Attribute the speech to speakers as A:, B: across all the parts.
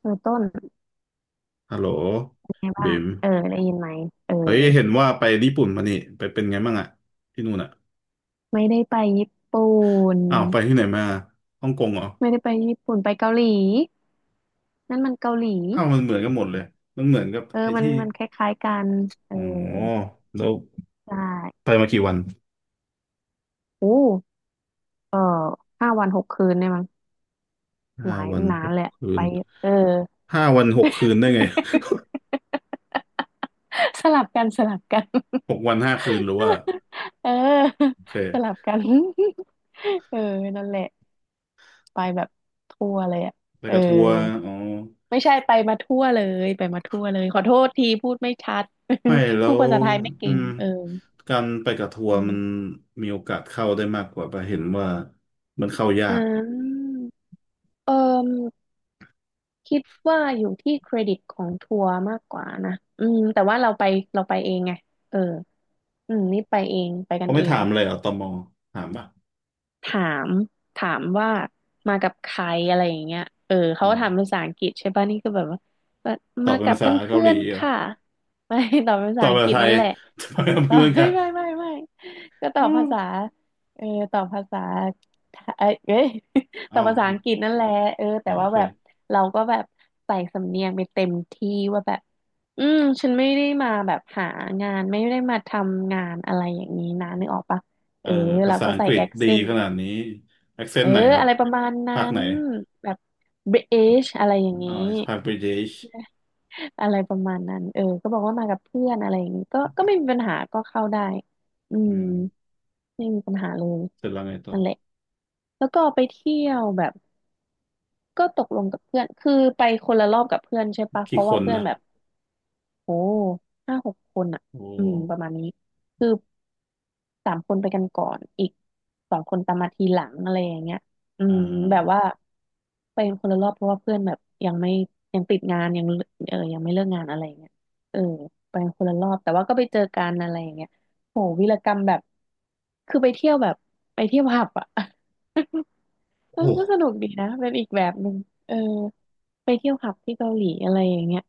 A: เออต้น
B: ฮัลโหล
A: ไง
B: บิ
A: บ้าง
B: ม
A: เออได้ยินไหมเออ
B: เฮ้ยเห็นว่าไปญี่ปุ่นมานี่ไปเป็นไงบ้างอะที่นู่นอะ
A: ไม่ได้ไปญี่ปุ่น
B: อ้าวไปที่ไหนมาฮ่องกงเหรอ
A: ไม่ได้ไปญี่ปุ่นไปเกาหลีนั่นมันเกาหลี
B: อ้าวมันเหมือนกันหมดเลยมันเหมือนกับ
A: เออ
B: ไอ้
A: มัน
B: ที่
A: มันคล้ายๆกันเอ
B: อ๋
A: อ
B: อแล้ว
A: ใช่
B: ไปมากี่วัน
A: โอ้เออ5 วัน 6 คืนเนี่ยมั้งห
B: ห้า
A: ลาย
B: วัน
A: นา
B: ห
A: น
B: ก
A: แหลยอะ
B: คื
A: ไป
B: น
A: เออ
B: ห้าวันหกคืนได้ไง
A: สลับกันสลับกัน
B: 6 วัน 5 คืนหรือว่า
A: เออ
B: โอเค
A: สลับกัน เออนั่นแหละไปแบบทั่วเลยอ่ะ
B: ไป
A: เออ
B: กับทัวร์อ๋อ
A: ไม่ใช่ไปมาทั่วเลยไปมาทั่วเลยขอโทษทีพูดไม่ชัด
B: ไม่ แล้
A: พูด
B: ว
A: ภาษาไทยไม่
B: อื
A: เก่ง
B: ม
A: เออ
B: การไปกับทัว
A: อื
B: ร์มัน
A: ม
B: มีโอกาสเข้าได้มากกว่าปะเห็นว่ามันเข้ายา
A: อ่
B: ก
A: าเออคิดว่าอยู่ที่เครดิตของทัวร์มากกว่านะอืมแต่ว่าเราไปเองไงเอออืมนี่ไปเองไปกั
B: เขา
A: น
B: ไม่
A: เอ
B: ถา
A: ง
B: มเลยเหรอตมถามปะ
A: ถามถามว่ามากับใครอะไรอย่างเงี้ยเออเขา
B: อื
A: ก็
B: ม
A: ถามภาษาอังกฤษใช่ป่ะนี่ก็แบบว่ามา
B: ตอบ
A: มา
B: เป็น
A: กับ
B: ภาษาเกา
A: เพื่
B: ห
A: อ
B: ลี
A: นๆ
B: เหรอ
A: ค่ะไม่ตอบภา
B: ต
A: ษา
B: อบ
A: อังก
B: ภาษา
A: ฤษ
B: ไท
A: นั่
B: ย
A: นแหละ
B: ทำไมเอา
A: ตอ
B: เพื่อ
A: บ
B: นกั
A: ไม่
B: น
A: ไม่ไม่ไม่ก็ตอบภาษาเออตอบภาษาเอ้ย เอ้ย ต
B: อ้า
A: อบ
B: ว
A: ภาษา
B: อ้า
A: อั
B: ว
A: งกฤษนั่นแหละเออ
B: อ๋
A: แต่
B: อโอ
A: ว่า
B: เค
A: แบบเราก็แบบใส่สำเนียงไปเต็มที่ว่าแบบอืมฉันไม่ได้มาแบบหางานไม่ได้มาทำงานอะไรอย่างนี้นะนึกออกปะ
B: เอ
A: เอ
B: อ
A: อ
B: ภา
A: เรา
B: ษา
A: ก็
B: อัง
A: ใส่
B: กฤ
A: แอ
B: ษ
A: ค
B: ดี
A: เซน
B: ขนาดนี้แอคเซ
A: เอ
B: น
A: อ
B: ต์ไหนครั
A: อะ
B: บ
A: ไรประมาณนั้
B: ภาคไหน
A: นแบบ British อะไรอย่าง
B: อ่า
A: นี้
B: ภาคบริติช
A: อะไรประมาณนั้นเออก็บอกว่ามากับเพื่อนอะไรอย่างนี้ก็ไม่มีปัญหาก็เข้าได้อื
B: อื
A: ม
B: ม
A: ไม่มีปัญหาเลย
B: เสร็จแล้วไงต่อ
A: นั่นแหละแล้วก็ไปเที่ยวแบบก็ตกลงกับเพื่อนคือไปคนละรอบกับเพื่อนใช่ปะเพ
B: กี่
A: ราะ
B: ค
A: ว่า
B: น
A: เพื่อน
B: นะ
A: แบบโอ้5-6 คนอ่ะ
B: โอ
A: อืมประ
B: ้
A: มาณนี้คือ 3 คนไปกันก่อน อีก2 คนตามมาทีหลังอะไรอย่างเงี้ยอื
B: อ่
A: มแบบ
B: า
A: ว่าไปกันคนละรอบเพราะว่าเพื่อนแบบยังไม่ยังติดงานยังเออยังไม่เลิกงานอะไรอย่างเงี้ยเออไปกันคนละรอบแต่ว่าก็ไปเจอกันอะไรอย่างเงี้ยโหวีรกรรมแบบคือไปเที่ยวแบบไปเที่ยวผับอ่ะ เออ
B: โอ้
A: ก็สนุกดีนะเป็นอีกแบบหนึ่งเออไปเที่ยวผับที่เกาหลีอะไรอย่างเงี้ย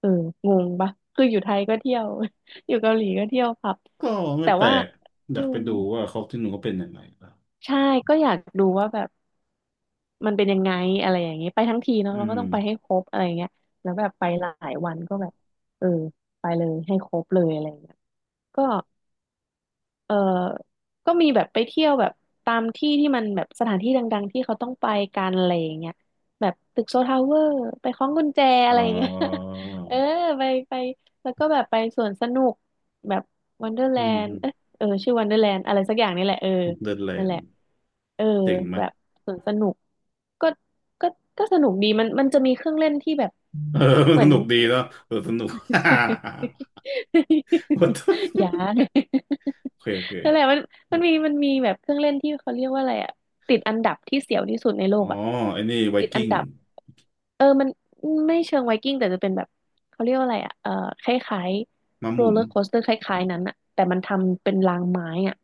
A: เอองงปะคืออยู่ไทยก็เที่ยว อยู่เกาหลีก็เที่ยวผับ
B: ก็ไม่
A: แต่
B: แปล
A: ว่า
B: กอ
A: อื
B: ยากไป
A: ม
B: ดูว่าเขาที่หนูเขาเป็นยังไงล่ะ
A: ใช่ก็อยากดูว่าแบบมันเป็นยังไงอะไรอย่างเงี้ยไปทั้งทีเนาะ
B: อื
A: เราก็
B: ม
A: ต้องไปให้ครบอะไรเงี้ยแล้วแบบไปหลายวันก็แบบเออไปเลยให้ครบเลยอะไรเงี้ยก็ เออก็มีแบบไปเที่ยวแบบตามที่ที่มันแบบสถานที่ดังๆที่เขาต้องไปกันอะไรอย่างเงี้ยแบบตึกโซทาวเวอร์ไปคล้องกุญแจอะ
B: อ๋อ
A: ไรอย่างเงี้ย เออไปไปแล้วก็แบบไปสวนสนุกแบบวันเดอร์แล
B: อื
A: นด์เออ
B: ม
A: เออชื่อวันเดอร์แลนด์อะไรสักอย่างนี่แหละเออ
B: เดนแล
A: นั่น
B: น
A: แหละ
B: ด์
A: เออ
B: เจ๋งไหม
A: แบบสวนสนุกก็ก็ก็สนุกดีมันจะมีเครื่องเล่นที่แบบ
B: เออ
A: เหมื
B: ส
A: อน
B: นุกดี
A: ติด
B: เนาะเออ สนุก What the
A: ยัง
B: โอเคโอเค
A: นั่นแหละมันมันมีแบบเครื่องเล่นที่เขาเรียกว่าอะไรอะติดอันดับที่เสียวที่สุดในโล
B: อ๋อ
A: กอะ
B: ไอ้นี่ไว
A: ติดอั
B: กิ้
A: น
B: ง
A: ดับเออมันไม่เชิงไวกิ้งแต่จะเป็นแบบเขาเรียกว่าอะไรอะเออคล้าย
B: มา
A: ๆ
B: ห
A: โร
B: มุ
A: ล
B: น
A: เลอร์โคสเตอร์คล้ายๆนั้นอะแต่มันทำเป็นรางไม้อะ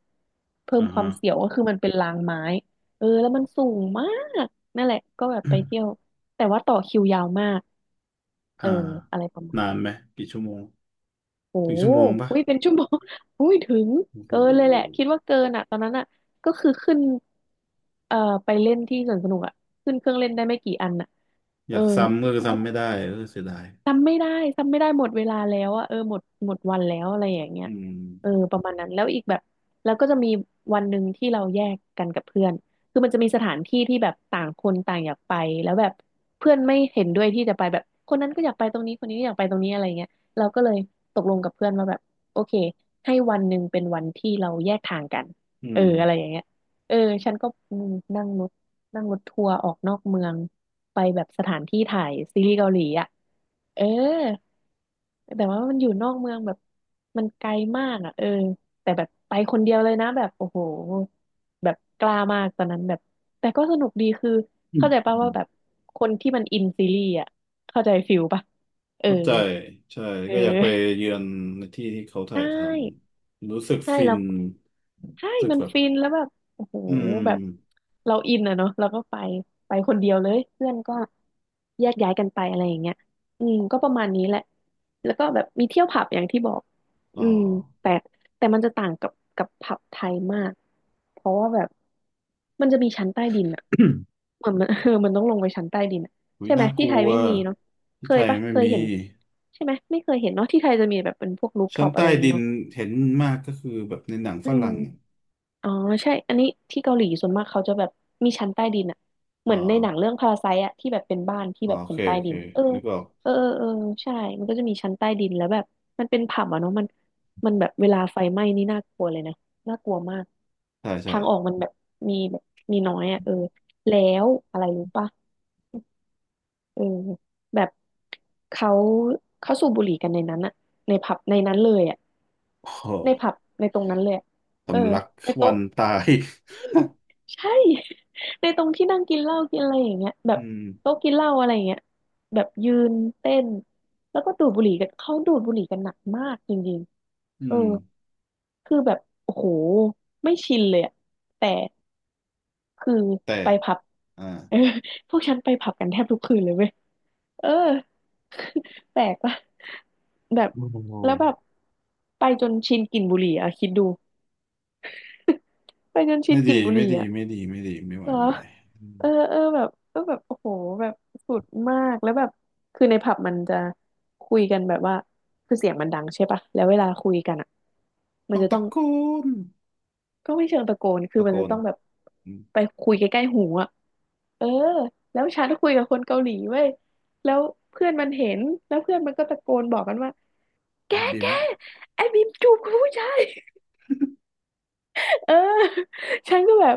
A: เพิ่ม
B: อ่า
A: ความ
B: ฮะ
A: เสียวก็คือมันเป็นรางไม้เออแล้วมันสูงมากนั่นแหละก็แบบไปเที่ยวแต่ว่าต่อคิวยาวมาก เอ
B: อ่า
A: ออะไรประมา
B: นา
A: ณ
B: นไหมกี่ชั่วโมง
A: โอ้
B: ถึงชั่วโมงปะ
A: อุ้ยเป็นชั่วโมง อุ้ยถึง
B: โอ้โ
A: เกินเลยแหละ
B: ห
A: คิดว่าเกินอ่ะตอนนั้นอ่ะก็คือขึ้นเอ่อไปเล่นที่สวนสนุกอ่ะขึ้นเครื่องเล่นได้ไม่กี่อันอ่ะ
B: อ
A: เออ
B: ยากซ้ำก็ซ้ำไม่ได้เออเสียดาย
A: จำไม่ได้จำไม่ได้หมดเวลาแล้วอะเออหมดวันแล้วอะไรอย่างเงี้ย
B: อืม
A: เออประมาณนั้นแล้วอีกแบบแล้วก็จะมีวันหนึ่งที่เราแยกกันกับเพื่อนคือมันจะมีสถานที่ที่แบบต่างคนต่างอยากไปแล้วแบบเพื่อนไม่เห็นด้วยที่จะไปแบบคนนั้นก็อยากไปตรงนี้คนนี้ก็อยากไปตรงนี้อะไรเงี้ยเราก็เลยตกลงกับเพื่อนว่าแบบโอเคให้วันหนึ่งเป็นวันที่เราแยกทางกัน
B: อื
A: เออ
B: ม
A: อะไรอย่างเงี้ยเออฉันก็อืมนั่งรถนั่งรถทัวร์ออกนอกเมืองไปแบบสถานที่ถ่ายซีรีส์เกาหลีอะ เออแต่ว่ามันอยู่นอกเมืองแบบมันไกลมากอ่ะเออแต่แบบไปคนเดียวเลยนะแบบโอ้โหแบบกล้ามากตอนนั้นแบบแต่ก็สนุกดีคือ
B: อืม
A: เข้าใจป่ะ
B: อื
A: ว่า
B: ม
A: แบบคนที่มันอินซีรีส์อ่ะเข้าใจฟิลป่ะเออ
B: เข้าใจใช่
A: เ
B: ก็อยากไป
A: ออ
B: เยือนในที่ที่เขา
A: ใช
B: ถ่ายท
A: ่
B: ำรู้สึก
A: ใช่
B: ฟิ
A: แล้
B: น
A: ว ใช่
B: รู้สึก
A: มัน
B: แบบ
A: ฟินแล้วแบบโอ้โห
B: อืม
A: แบบเราอินอะเนาะเราก็ไปไปคนเดียวเลยเพื่อนก็แยกย้ายกันไปอะไรอย่างเงี้ยอืมก็ประมาณนี้แหละแล้วก็แบบมีเที่ยวผับอย่างที่บอก
B: อ๋
A: อื
B: อ
A: มแต่แต่มันจะต่างกับผับไทยมากเพราะว่าแบบมันจะมีชั้นใต้ดินอะเหมือนมัน เออ มันต้องลงไปชั้นใต้ดินอะ
B: อุ้ย
A: ใช่ไหม
B: น่าก
A: ที่
B: ลั
A: ไทย
B: ว
A: ไม่มีเนาะเค
B: ที่ไท
A: ย
B: ย
A: ปะ
B: ไม่
A: เคย
B: มี
A: เห็นใช่ไหมไม่เคยเห็นเนาะที่ไทยจะมีแบบเป็นพวกรูฟท็
B: ชั้
A: อ
B: น
A: ปอะ
B: ใต้
A: ไรอย่าง
B: ดิ
A: งี้
B: น
A: เนาะ
B: เห็นมากก็คือแบบในหนัง
A: อื
B: ฝ
A: ม
B: รั่ง
A: อ๋อใช่อันนี้ที่เกาหลีส่วนมากเขาจะแบบมีชั้นใต้ดินอะเห
B: อ๋อ
A: มือนในหนังเรื่องพาราไซต์อะที่แบบเป็นบ้านที่
B: อ๋อ
A: แบบ
B: โอ
A: เป็
B: เค
A: นใต้
B: โอเค
A: ดินเออ
B: นึกออก
A: เออเออเออใช่มันก็จะมีชั้นใต้ดินแล้วแบบมันเป็นผับอะเนาะมันแบบเวลาไฟไหม้นี่น่ากลัวเลยนะน่ากลัวมาก
B: ใช่ใช่
A: ทางออกมันแบบมีแบบมีน้อยอะเออแล้วอะไรรู้ปะเออแบบเขาเขาสูบบุหรี่กันในนั้นอะในผับในนั้นเลยอะ
B: โอ้โห
A: ในผับในตรงนั้นเลยอะเออ
B: สำลัก
A: ใน
B: ควั
A: โต๊ะ
B: นตาย
A: ใช่ ในตรงที่นั่งกินเหล้ากินอะไรอย่างเงี้ยแบ
B: อื
A: บ
B: ม
A: โต๊ะกินเหล้าอะไรอย่างเงี้ยแบบยืนเต้นแล้วก็ดูดบุหรี่กันเขาดูดบุหรี่กันหนักมากจริง
B: อื
A: ๆเออ
B: ม
A: คือแบบโอ้โหไม่ชินเลยอะแต่คือ
B: แต่
A: ไปผับ
B: อ่า
A: เออพวกฉันไปผับกันแทบทุกคืนเลยเว้ยเออ แปลกปะแบบ
B: โอ้โห
A: แล้วแบบไปจนชินกลิ่นบุหรี่อะคิดดูไปจนชิน
B: ไม่
A: กลิ่
B: ดี
A: นบุห
B: ไม่
A: รี่
B: ดี
A: อะ
B: ไม่ดี ไม่ดี ไม่ไหว
A: เหรอ
B: ไม่ไหวอืม
A: เออเออแบบเออแบบโอ้โหแบบสุดมากแล้วแบบคือในผับมันจะคุยกันแบบว่าคือเสียงมันดังใช่ปะแล้วเวลาคุยกันอ่ะมั
B: ต้
A: น
B: อง
A: จะต้อ
B: ตะ
A: ง
B: โกน
A: ก็ไม่เชิงตะโกนคือ
B: ตะ
A: มั
B: โก
A: นจะ
B: น
A: ต้องแบบ ไปคุยใกล้ๆหูอ่ะเออแล้วฉันคุยกับคนเกาหลีเว้ยแล้วเพื่อนมันเห็น แล้วเพื่อนมันก็ตะโกนบอกกันว่าแก
B: เอ็มดิ
A: แก
B: ม
A: ไอ้บีมจูบกับผู้ชาย เออ ฉันก็แบบ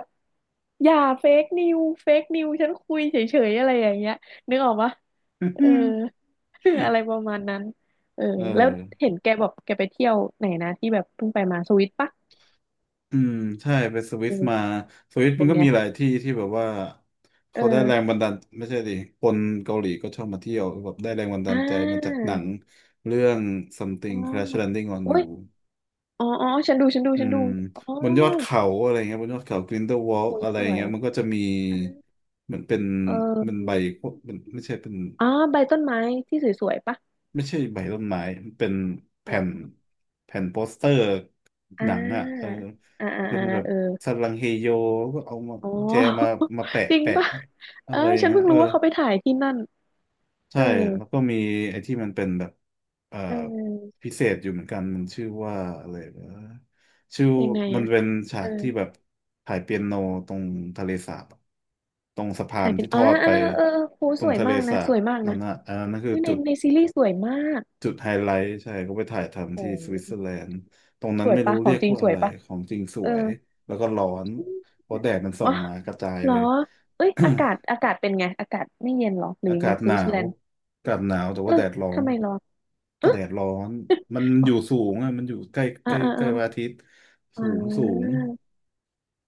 A: อย่าเฟกนิวเฟกนิวฉันคุยเฉยๆอะไรอย่างเงี้ยนึกออกปะเออ อะไรประมาณนั้นเออ
B: เ
A: แล้ว
B: ออ
A: เห็นแกบอกแกไปเที่ยวไหนนะที่แบบเพิ่งไปมาสวิตปะ
B: อืมใช่ไปสวิ
A: เอ
B: ส
A: อ
B: มาสวิสมั
A: เป็
B: น
A: น
B: ก็
A: ไง
B: มีหลายที่ที่แบบว่า
A: เอ
B: เขาได้แรง
A: อ
B: บันดาลไม่ใช่ดิคนเกาหลีก็ชอบมาเที่ยวแบบได้แรงบันดา
A: อ่
B: ลใจมาจาก
A: า
B: หนังเรื่อง
A: อ๋อ
B: something crash landing on
A: โอ้
B: you
A: ยอ๋อฉันดูฉันดู
B: อื
A: ฉันดู
B: ม
A: อ๋อ
B: บนยอดเขาอะไรเงี้ยบนยอดเขา g r i n h e w
A: สว
B: a l l อล
A: ย
B: อะไร
A: สวย
B: เงี้ยมันก็จะมี
A: อ่า
B: เหมือนเป็น
A: เอ
B: เป็นใบ
A: อ
B: เป็นไม่ใช่เป็น
A: อ๋อใบต้นไม้ที่สวยๆปะ
B: ไม่ใช่ใบต้นไม้มันเป็นแผ่น
A: ออ
B: แผ่นโปสเตอร์
A: อ่
B: หนังอ่ะเออ
A: าอ่าอ่า
B: เป็น
A: อ่า
B: แบบ
A: เออ
B: สันลังเฮโยก็เอามา
A: อ๋อ
B: แจมามาแปะ
A: จริง
B: แปะ
A: ป่ะ
B: อะ
A: เออ
B: ไรอย่า
A: ฉั
B: ง
A: น
B: นั้น
A: เพิ่ง
B: เออ
A: รู้ว่าเขาไปถ่ายที่นั่นเอ
B: ใช่
A: อ
B: แล้วก็มีไอ้ที่มันเป็นแบบเอ่อ
A: เออ
B: พิเศษอยู่เหมือนกันมันชื่อว่าอะไรนะชื่อ
A: ยังไง
B: มัน
A: อะ
B: เป็นฉา
A: เออ
B: กที่แบบถ่ายเปียโนตรงทะเลสาบอะตรงสะพา
A: ถ่า
B: น
A: ยเป็น
B: ที่ท
A: อ๋อ
B: อด
A: เอ
B: ไป
A: อเออโห
B: ตร
A: ส
B: ง
A: วย
B: ทะเล
A: มากนะ
B: สา
A: ส
B: บ
A: วยมาก
B: นั่
A: นะ
B: นนะอันนั้นคือ
A: เฮ้ยใน
B: จุด
A: ในซีรีส์สวยมาก
B: จุดไฮไลท์ใช่เขาไปถ่ายทำ
A: โอ้
B: ที่สวิตเซอร์แลนด์ตรงนั้
A: ส
B: น
A: วย
B: ไม่รู้
A: ปะข
B: เรี
A: อง
B: ยก
A: จริง
B: ว่า
A: ส
B: อะ
A: วย
B: ไร
A: ปะ
B: ของจริงส
A: เออ
B: วยแล้วก็ร้อนเพราะแดดมันส่ อง
A: วะ
B: มากระจาย
A: เหร
B: เล
A: อ
B: ย
A: เอ้ยอากาศเป็นไงอากาศไม่เย็นเหรอห รือ
B: อา
A: ยัง
B: กา
A: ไง
B: ศ
A: ส
B: หนา
A: วิตเซอร์แล
B: ว
A: นด์
B: อากาศหนาวแต่
A: เอ
B: ว่า
A: อ
B: แดดร้อ
A: ทำ
B: น
A: ไมร้อนเอ
B: ก็
A: อ
B: แดดร้อนมัน
A: อ
B: อ
A: อ
B: ยู่สูงอ่ะมันอยู่ใกล้ใก
A: อ่า
B: ล้
A: อ่า
B: ใกล้
A: อ่า
B: พระอาทิตย์
A: อ่
B: สูงสูง
A: า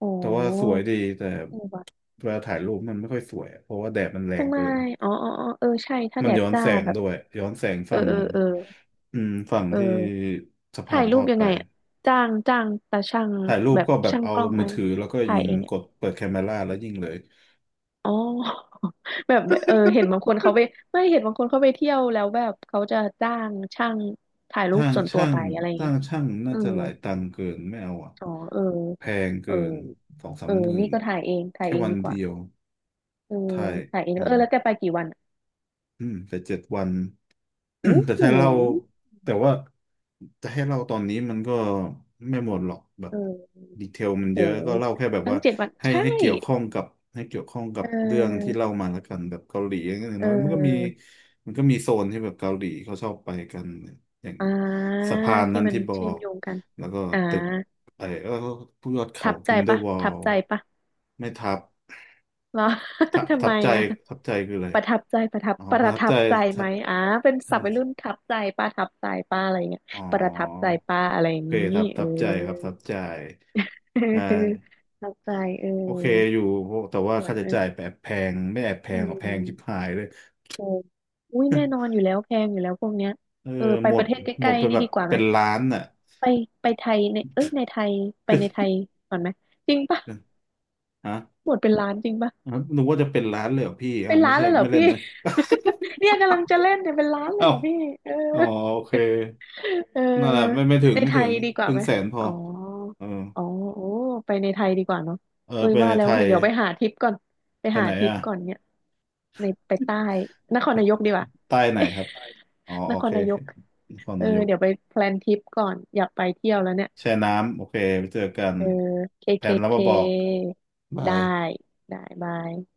A: โอ้
B: แต่ว่าสวยดีแต่
A: โห
B: เวลาถ่ายรูปมันไม่ค่อยสวยเพราะว่าแดดมันแรง
A: ทำไม
B: เกิน
A: อ๋อเออใช่ ถ้า
B: มั
A: แด
B: น
A: ด
B: ย้อน
A: จ้า
B: แสง
A: แบบ
B: ด้วยย้อนแสง
A: เออ
B: ฝั่ง
A: เออเออ
B: อืมฝั่ง
A: เ
B: ที่
A: ออ
B: สะพา
A: ถ่า
B: น
A: ย
B: ท
A: รู
B: อ
A: ป
B: ด
A: ยัง
B: ไป
A: ไงอะจ้างตาช่าง
B: ถ่ายรูป
A: แบบ
B: ก็แบบ
A: ช่าง
B: เอา
A: กล้อง
B: มื
A: ไอะ
B: อ
A: ไร
B: ถือแล้วก็
A: ถ่า
B: ยิ
A: ย
B: ง
A: เอง
B: ก
A: อะ
B: ดเปิดแคมเมราแล้วยิงเลย
A: อ๋อ แบบเออเห็นบางคนเขาไปไม่เห็นบางคนเขาไปเที่ยวแล้วแบบเขาจะจ้างช่างถ่ายรูป
B: ช่าง
A: ส่วนตัว
B: ช่าง
A: ไปอะไรอย่าง
B: ช่้า
A: เงี้ย
B: งช่างน่า
A: เออ
B: จะหลายตังค์เกินไม่เอาอ่ะ
A: อ๋อเออ
B: แพง
A: เอ
B: เกิ
A: อ
B: นสองสา
A: เอ
B: ม
A: อ
B: หมื่
A: นี่
B: น
A: ก็ถ่ายเอง
B: แค่วัน
A: ดีก
B: เดี
A: ว่า
B: ยว
A: เออ
B: ถ่าย
A: ถ่ายเอง
B: อื
A: เอ
B: ม
A: อแล้วแกไปกี่วันอะ
B: อืมแต่7 วัน
A: อู้
B: แต่
A: หู
B: ถ้าเราแต่ว่าจะให้เล่าตอนนี้มันก็ไม่หมดหรอกแบบ
A: เออ
B: ดีเทลมัน
A: โห
B: เยอะก็เล่าแค่แบบ
A: ทั้
B: ว่า
A: งเจ็ดวัน
B: ให้
A: ใช่
B: ให้เกี่ยวข้องกับให้เกี่ยวข้องกั
A: เ
B: บเรื่องที่
A: ออ
B: เล่ามาแล้วกันแบบเกาหลีอย่าง
A: เ
B: น้อยมันก็มี
A: ออ
B: มันก็มีโซนที่แบบเกาหลีเขาชอบไปกันอย่าง
A: อ่า
B: สะพาน
A: ที่
B: นั้น
A: มัน
B: ที่บอ
A: เชื่อม
B: ก
A: โยงกัน
B: แล้วก็
A: อ่า
B: ตึกไอ้แล้วก็พวกยอดเขา
A: ทับใจ
B: กินเดอร์
A: ปะ
B: วอ
A: ทั
B: ล
A: บใจปะ
B: ไม่ทับ
A: เหรอ ทำ
B: ทั
A: ไม
B: บใจ
A: อ่ะ
B: ทับใจคืออะไร
A: ประทับใจ
B: อ๋อ
A: ป
B: ประ
A: ระ
B: ทับ
A: ทั
B: ใจ
A: บใจ
B: ใช่
A: ไหมอ่าเป็นศัพท์วัยรุ่นทับใจป้าอะไรเงี้ย
B: อ๋อ
A: ประทับใจป้าอะไรอ
B: โอ
A: ย่าง
B: เค
A: ง
B: ค
A: ี้
B: รับ
A: เออ
B: ทับใจครับทับใจอ่ า
A: ทับใจเออ
B: โอเคอยู่โอ้แต่ว่า
A: สว
B: ค่า
A: ยไห
B: ใช้
A: ม
B: จ่ายแอบแพงไม่แอบแพ
A: อื
B: งหรอกแพงชิบ
A: ม
B: หายเลย
A: โอ้อุ้ยแน่นอนอ ยู่แล้วแพงอยู่แล้วพวกเนี้ย
B: เออ
A: เออไป
B: หม
A: ป
B: ด
A: ระเทศใก
B: หม
A: ล้
B: ดไป
A: ๆนี่
B: แบบ
A: ดีกว่าไหม
B: เป็นล้านน่ะ
A: ไปไปไทยในเอ้ยในไทยไปในไทยก่อนไหม จริงปะ
B: ฮะ
A: หมดเป็นล้านจริงปะ
B: ฮะนึกว่าจะเป็นล้านเลยเหรอพี่เอา
A: เป็น
B: ไม่
A: ล้าน
B: ใช่
A: เลยเหรอ
B: ไม่เล่น
A: พี่
B: นะ
A: เนี่ยกำลังจะเล่นเนี่ยเป็นล้าน เล
B: เอ้า
A: ยเหรอพี่เออ
B: อ๋อโอเค
A: เออ
B: นั่นแหละไม่ไม่ถึง
A: ใน
B: ไม่
A: ไท
B: ถึ
A: ย
B: ง
A: ดีก
B: ค
A: ว่า
B: รึ่ง
A: ไหม
B: แสนพอ
A: อ๋อ
B: เออ
A: อ๋อโอ้ไปในไทยดีกว่าเนาะ
B: เออ
A: เอ้ย
B: ไป
A: ว่า
B: ใน
A: แล้
B: ไท
A: ว
B: ย
A: เดี๋ยวไปหาทริปก่อนไป
B: ไป
A: หา
B: ไหน
A: ทริป
B: อ่ะ
A: ก่อนเนี่ยในไปใต้นครนายกดีกว่า
B: ใต้ไหนครับอ๋อ
A: น
B: โอ
A: ค
B: เค
A: รนา
B: โอ
A: ย
B: เค
A: ก
B: นคร
A: เออ
B: นายก
A: เดี๋ยวไปแพลนทริปก่อนอยากไปเที่ยวแล้วเนี่ย
B: แช่น้ำโอเคไปเจอกัน
A: เออเค
B: แผ
A: เค
B: นแล้ว
A: เค
B: มาบอกบา
A: ได้
B: ย
A: ได้บาย